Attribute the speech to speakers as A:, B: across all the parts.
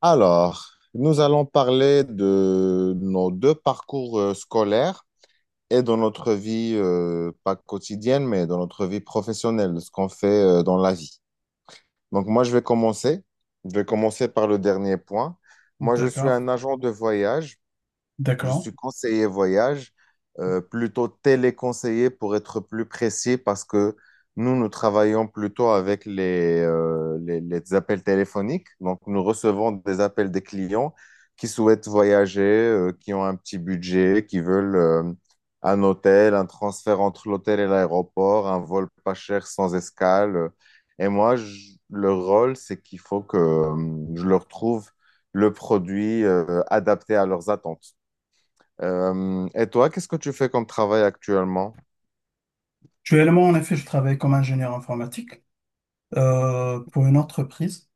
A: Alors, nous allons parler de nos deux parcours scolaires et de notre vie, pas quotidienne, mais de notre vie professionnelle, de ce qu'on fait dans la vie. Donc, moi, je vais commencer. Je vais commencer par le dernier point. Moi, je suis
B: D'accord.
A: un agent de voyage. Je
B: D'accord.
A: suis conseiller voyage, plutôt téléconseiller pour être plus précis parce que nous, nous travaillons plutôt avec les appels téléphoniques. Donc, nous recevons des appels des clients qui souhaitent voyager, qui ont un petit budget, qui veulent un hôtel, un transfert entre l'hôtel et l'aéroport, un vol pas cher sans escale. Et moi, le rôle, c'est qu'il faut que je leur trouve le produit adapté à leurs attentes. Et toi, qu'est-ce que tu fais comme travail actuellement?
B: Actuellement, en effet, je travaille comme ingénieur informatique pour une entreprise.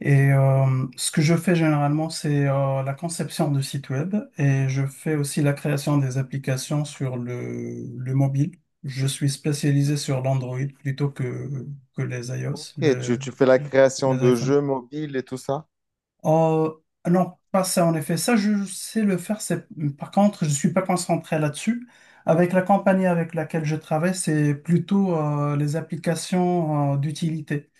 B: Et ce que je fais généralement, c'est la conception de sites web et je fais aussi la création des applications sur le mobile. Je suis spécialisé sur l'Android plutôt que les iOS,
A: Ok, tu fais la création
B: les
A: de
B: iPhones.
A: jeux mobiles et tout ça?
B: Euh, non, pas ça en effet. Ça, je sais le faire. C'est... Par contre, je ne suis pas concentré là-dessus. Avec la compagnie avec laquelle je travaille, c'est plutôt les applications d'utilité.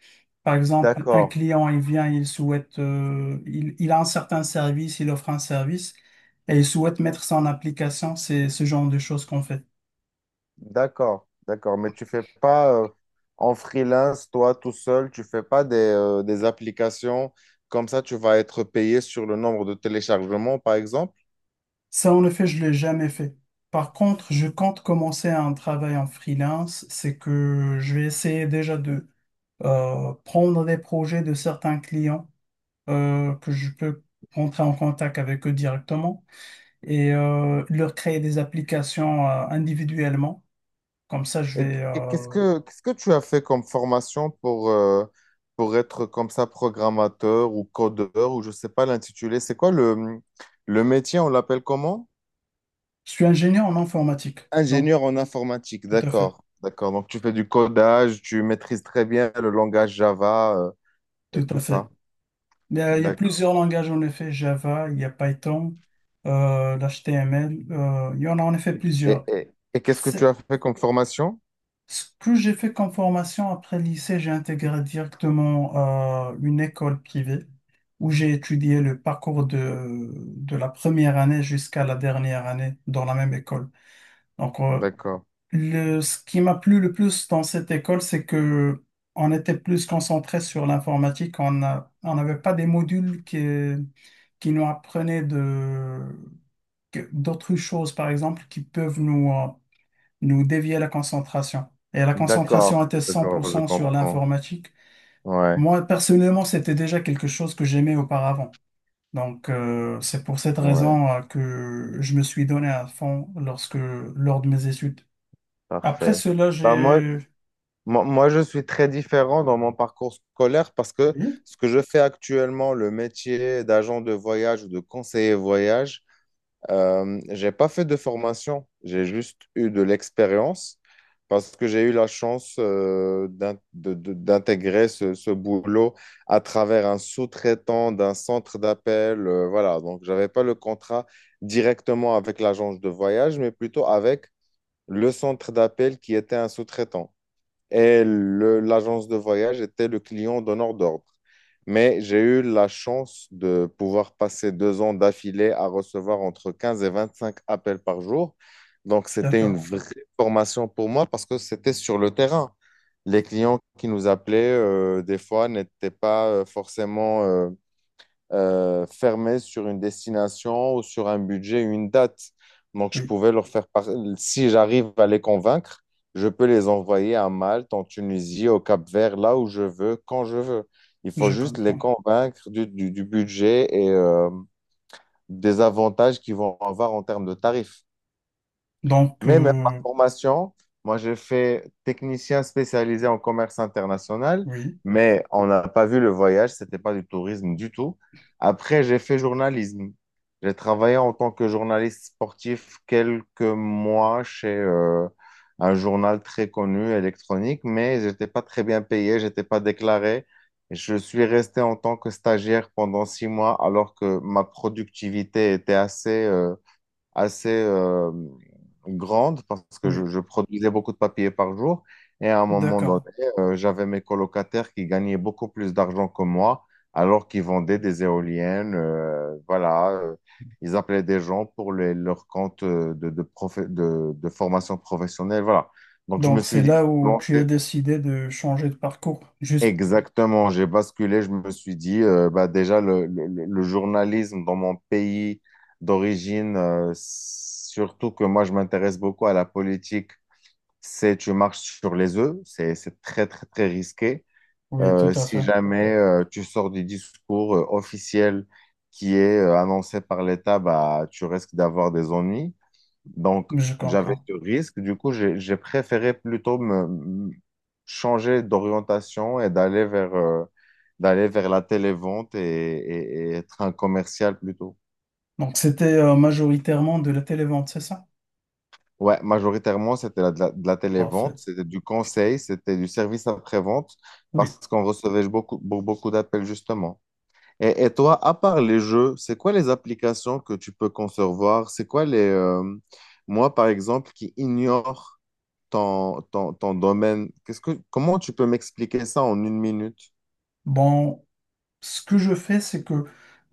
B: Par exemple, un
A: D'accord.
B: client, il vient, il souhaite, il a un certain service, il offre un service et il souhaite mettre ça en application. C'est ce genre de choses qu'on fait.
A: D'accord, d'accord. Mais tu fais pas en freelance, toi tout seul, tu fais pas des applications comme ça, tu vas être payé sur le nombre de téléchargements, par exemple.
B: Ça, en effet, je ne l'ai jamais fait. Par contre, je compte commencer un travail en freelance. C'est que je vais essayer déjà prendre des projets de certains clients que je peux rentrer en contact avec eux directement et leur créer des applications individuellement. Comme ça, je
A: Et
B: vais...
A: qu- qu'est-ce que qu'est-ce que tu as fait comme formation pour être comme ça programmateur ou codeur ou je sais pas l'intitulé. C'est quoi le métier, on l'appelle comment?
B: Je suis ingénieur en informatique, donc
A: Ingénieur en informatique,
B: tout à fait,
A: d'accord, d'accord. Donc tu fais du codage, tu maîtrises très bien le langage Java, et
B: tout
A: tout
B: à fait.
A: ça.
B: Il y a plusieurs langages en effet, Java, il y a Python, l'HTML, il y en a en effet
A: Et,
B: plusieurs.
A: et- et qu'est-ce que tu
B: C'est-
A: as fait comme formation?
B: Ce que j'ai fait comme formation après le lycée, j'ai intégré directement une école privée où j'ai étudié le parcours de la première année jusqu'à la dernière année dans la même école. Donc,
A: D'accord,
B: ce qui m'a plu le plus dans cette école, c'est que on était plus concentré sur l'informatique. On n'avait pas des modules qui nous apprenaient d'autres choses, par exemple, qui peuvent nous, nous dévier la concentration. Et la concentration
A: d'accord,
B: était cent pour
A: d'accord, je
B: cent sur
A: comprends.
B: l'informatique.
A: Ouais,
B: Moi, personnellement, c'était déjà quelque chose que j'aimais auparavant. Donc, c'est pour cette
A: ouais,
B: raison que je me suis donné à fond lors de mes études. Après
A: parfait.
B: cela,
A: Bah ouais. moi,
B: j'ai...
A: moi, moi, je suis très différent dans mon parcours scolaire parce que
B: Oui,
A: ce que je fais actuellement, le métier d'agent de voyage ou de conseiller voyage, j'ai pas fait de formation, j'ai juste eu de l'expérience parce que j'ai eu la chance d'intégrer ce boulot à travers un sous-traitant d'un centre d'appel. Voilà, donc j'avais pas le contrat directement avec l'agence de voyage, mais plutôt avec le centre d'appel qui était un sous-traitant et l'agence de voyage était le client d'honneur d'ordre. Mais j'ai eu la chance de pouvoir passer 2 ans d'affilée à recevoir entre 15 et 25 appels par jour. Donc, c'était une
B: d'accord.
A: vraie formation pour moi parce que c'était sur le terrain. Les clients qui nous appelaient, des fois, n'étaient pas forcément fermé sur une destination ou sur un budget, une date. Donc, je
B: Oui,
A: pouvais leur si j'arrive à les convaincre, je peux les envoyer à Malte, en Tunisie, au Cap-Vert, là où je veux, quand je veux. Il faut
B: je
A: juste les
B: comprends.
A: convaincre du budget et des avantages qu'ils vont avoir en termes de tarifs.
B: Donc,
A: Mais même ma formation, moi j'ai fait technicien spécialisé en commerce international,
B: oui,
A: mais on n'a pas vu le voyage, c'était pas du tourisme du tout. Après, j'ai fait journalisme. J'ai travaillé en tant que journaliste sportif quelques mois chez un journal très connu électronique, mais j'étais pas très bien payé, j'étais pas déclaré. Je suis resté en tant que stagiaire pendant 6 mois alors que ma productivité était assez, assez euh, grande parce que
B: oui,
A: je produisais beaucoup de papier par jour. Et à un moment
B: d'accord.
A: donné, j'avais mes colocataires qui gagnaient beaucoup plus d'argent que moi alors qu'ils vendaient des éoliennes. Voilà, ils appelaient des gens pour leur compte de formation professionnelle. Voilà. Donc je me
B: Donc, c'est
A: suis dit,
B: là où tu as décidé de changer de parcours. Juste,
A: exactement, j'ai basculé, je me suis dit, bah déjà, le journalisme dans mon pays d'origine, surtout que moi, je m'intéresse beaucoup à la politique, c'est tu marches sur les œufs, c'est très, très, très risqué.
B: oui, tout à
A: Si
B: fait.
A: jamais tu sors du discours officiel qui est annoncé par l'État, bah, tu risques d'avoir des ennuis. Donc,
B: Je
A: j'avais
B: comprends.
A: ce risque. Du coup, j'ai préféré plutôt me changer d'orientation et d'aller vers la télévente et être un commercial plutôt.
B: Donc, c'était majoritairement de la télévente, c'est ça?
A: Ouais, majoritairement, c'était de la télévente,
B: Parfait.
A: c'était du conseil, c'était du service après-vente
B: Oui.
A: parce qu'on recevait beaucoup d'appels justement. Et toi, à part les jeux, c'est quoi les applications que tu peux concevoir? C'est quoi les... moi, par exemple, qui ignore ton domaine. Qu'est-ce que, comment tu peux m'expliquer ça en une minute?
B: Bon, ce que je fais, c'est que,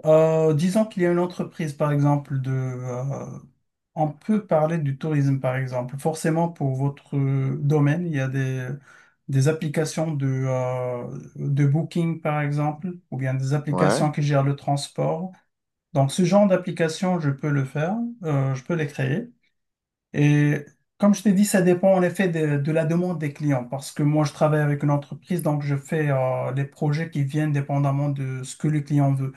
B: disons qu'il y a une entreprise, par exemple, on peut parler du tourisme, par exemple. Forcément, pour votre domaine, il y a des applications de booking, par exemple, ou bien des
A: Ouais.
B: applications qui gèrent le transport. Donc, ce genre d'application, je peux le faire, je peux les créer. Et comme je t'ai dit, ça dépend en effet de la demande des clients parce que moi, je travaille avec une entreprise, donc je fais les projets qui viennent dépendamment de ce que le client veut.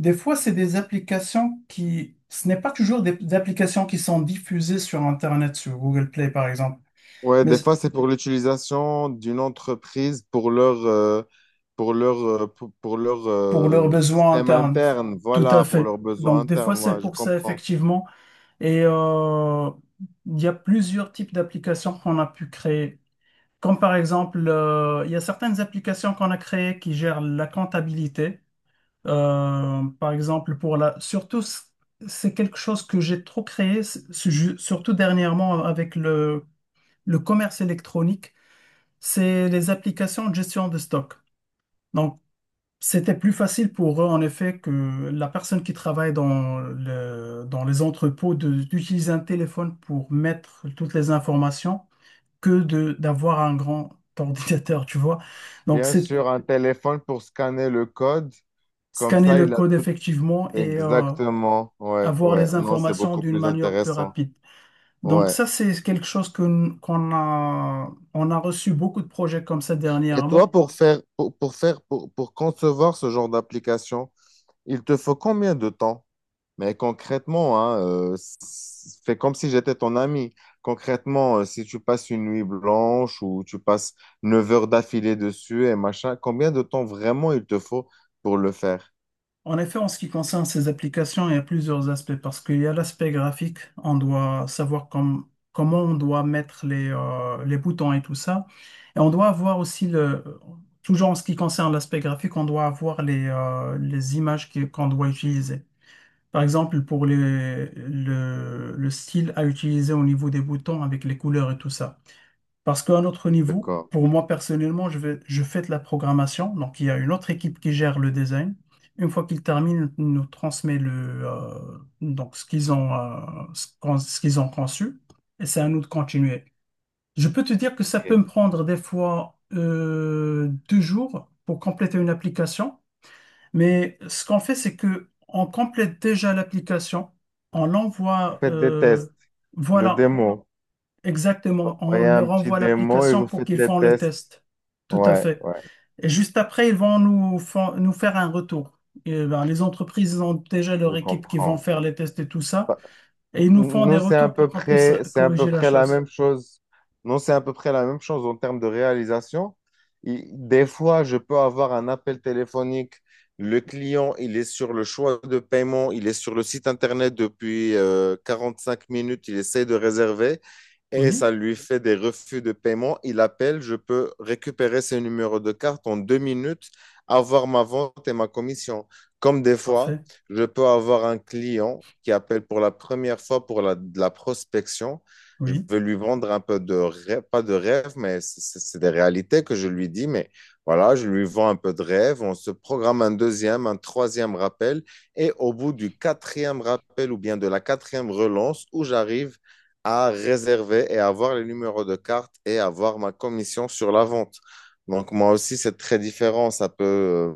B: Des fois, c'est des applications ce n'est pas toujours des applications qui sont diffusées sur Internet, sur Google Play par exemple,
A: Ouais,
B: mais
A: des fois, c'est pour l'utilisation d'une entreprise pour pour leur
B: pour leurs besoins
A: système
B: internes.
A: interne.
B: Tout à
A: Voilà, pour
B: fait.
A: leurs besoins
B: Donc, des fois,
A: internes.
B: c'est
A: Ouais, je
B: pour ça,
A: comprends.
B: effectivement. Et il y a plusieurs types d'applications qu'on a pu créer. Comme par exemple, il y a certaines applications qu'on a créées qui gèrent la comptabilité. Par exemple, pour surtout, c'est quelque chose que j'ai trop créé, surtout dernièrement avec le commerce électronique, c'est les applications de gestion de stock. Donc, c'était plus facile pour eux, en effet, que la personne qui travaille dans dans les entrepôts d'utiliser un téléphone pour mettre toutes les informations que de d'avoir un grand ordinateur, tu vois. Donc,
A: Bien
B: c'est
A: sûr, un téléphone pour scanner le code. Comme
B: scanner
A: ça,
B: le
A: il a
B: code
A: tout.
B: effectivement et
A: Exactement. Ouais,
B: avoir
A: ouais.
B: les
A: Non, c'est
B: informations
A: beaucoup
B: d'une
A: plus
B: manière plus
A: intéressant.
B: rapide. Donc,
A: Ouais.
B: ça, c'est quelque chose qu'on a, on a reçu beaucoup de projets comme ça
A: Et toi,
B: dernièrement.
A: pour concevoir ce genre d'application, il te faut combien de temps? Mais concrètement, hein, fais comme si j'étais ton ami. Concrètement, si tu passes une nuit blanche ou tu passes 9 heures d'affilée dessus et machin, combien de temps vraiment il te faut pour le faire?
B: En effet, en ce qui concerne ces applications, il y a plusieurs aspects parce qu'il y a l'aspect graphique, on doit savoir comment on doit mettre les boutons et tout ça. Et on doit avoir aussi toujours en ce qui concerne l'aspect graphique, on doit avoir les images qu'on doit utiliser. Par exemple, pour le style à utiliser au niveau des boutons avec les couleurs et tout ça. Parce qu'à notre niveau,
A: D'accord.
B: pour moi personnellement, je fais de la programmation. Donc, il y a une autre équipe qui gère le design. Une fois qu'ils terminent, ils nous transmet donc ce qu'ils ont, ce qu'ils ont conçu. Et c'est à nous de continuer. Je peux te dire que ça peut
A: Ok.
B: me prendre des fois 2 jours pour compléter une application. Mais ce qu'on fait, c'est que on complète déjà l'application. On l'envoie.
A: Faites des tests, le
B: Voilà,
A: démo. Vous
B: Exactement, on
A: voyez un
B: leur
A: petit
B: envoie
A: démo et
B: l'application
A: vous
B: pour
A: faites
B: qu'ils
A: les
B: font le
A: tests.
B: test. Tout à
A: Ouais,
B: fait.
A: ouais,
B: Et juste après, ils vont nous, nous faire un retour. Et ben, les entreprises ont déjà
A: je
B: leur équipe qui vont
A: comprends.
B: faire les tests et tout ça. Et ils nous font des
A: Nous,
B: retours pour qu'on puisse
A: c'est à peu
B: corriger la
A: près la
B: chose.
A: même chose. Non, c'est à peu près la même chose en termes de réalisation. Des fois, je peux avoir un appel téléphonique. Le client, il est sur le choix de paiement, il est sur le site internet depuis 5 minutes, il essaie de réserver et
B: Oui,
A: ça lui fait des refus de paiement. Il appelle, je peux récupérer ses numéros de carte en 2 minutes, avoir ma vente et ma commission. Comme des fois,
B: parfait.
A: je peux avoir un client qui appelle pour la première fois pour de la prospection. Je
B: Oui,
A: veux lui vendre un peu de rêve, pas de rêve, mais c'est des réalités que je lui dis. Mais voilà, je lui vends un peu de rêve. On se programme un deuxième, un troisième rappel. Et au bout du quatrième rappel ou bien de la quatrième relance, où j'arrive à réserver et avoir les numéros de carte et avoir ma commission sur la vente. Donc moi aussi, c'est très différent. Ça peut,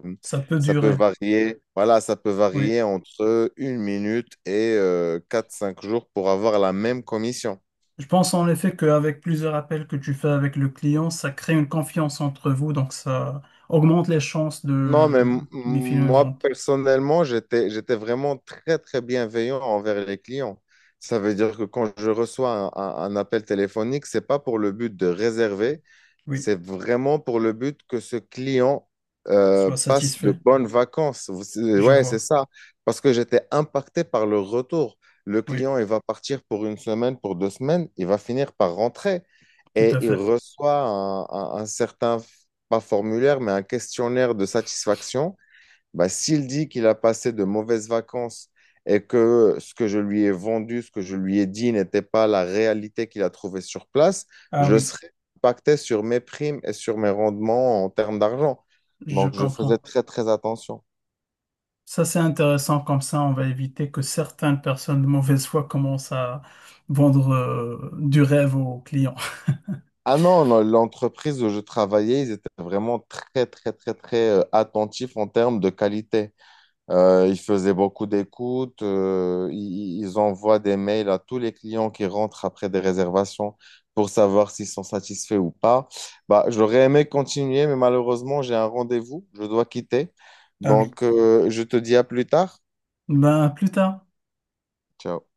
A: euh,
B: ça peut
A: Ça peut
B: durer.
A: varier. Voilà, ça peut
B: Oui.
A: varier entre une minute et 4-5 jours pour avoir la même commission.
B: Je pense en effet qu'avec plusieurs appels que tu fais avec le client, ça crée une confiance entre vous, donc ça augmente les chances
A: Non, mais
B: de lui filer une
A: moi,
B: vente.
A: personnellement, j'étais vraiment très, très bienveillant envers les clients. Ça veut dire que quand je reçois un appel téléphonique, c'est pas pour le but de réserver,
B: Oui,
A: c'est vraiment pour le but que ce client
B: sois
A: passe de
B: satisfait,
A: bonnes vacances. Vous- c'est-
B: je
A: ouais, c'est
B: vois.
A: ça. Parce que j'étais impacté par le retour. Le
B: Oui,
A: client, il va partir pour une semaine, pour deux semaines, il va finir par rentrer
B: tout
A: et
B: à
A: il
B: fait.
A: reçoit un certain pas formulaire, mais un questionnaire de satisfaction, bah, s'il dit qu'il a passé de mauvaises vacances et que ce que je lui ai vendu, ce que je lui ai dit n'était pas la réalité qu'il a trouvée sur place,
B: Ah
A: je
B: oui,
A: serais impacté sur mes primes et sur mes rendements en termes d'argent.
B: je
A: Donc, je faisais
B: comprends.
A: très, très attention.
B: Ça, c'est intéressant, comme ça, on va éviter que certaines personnes de mauvaise foi commencent à vendre du rêve aux clients.
A: Ah non, non, l'entreprise où je travaillais, ils étaient vraiment très, très, très, très attentifs en termes de qualité. Ils faisaient beaucoup d'écoutes. Ils envoient des mails à tous les clients qui rentrent après des réservations pour savoir s'ils sont satisfaits ou pas. Bah, j'aurais aimé continuer, mais malheureusement, j'ai un rendez-vous. Je dois quitter.
B: Ah oui,
A: Donc, je te dis à plus tard.
B: ben à plus tard.
A: Ciao.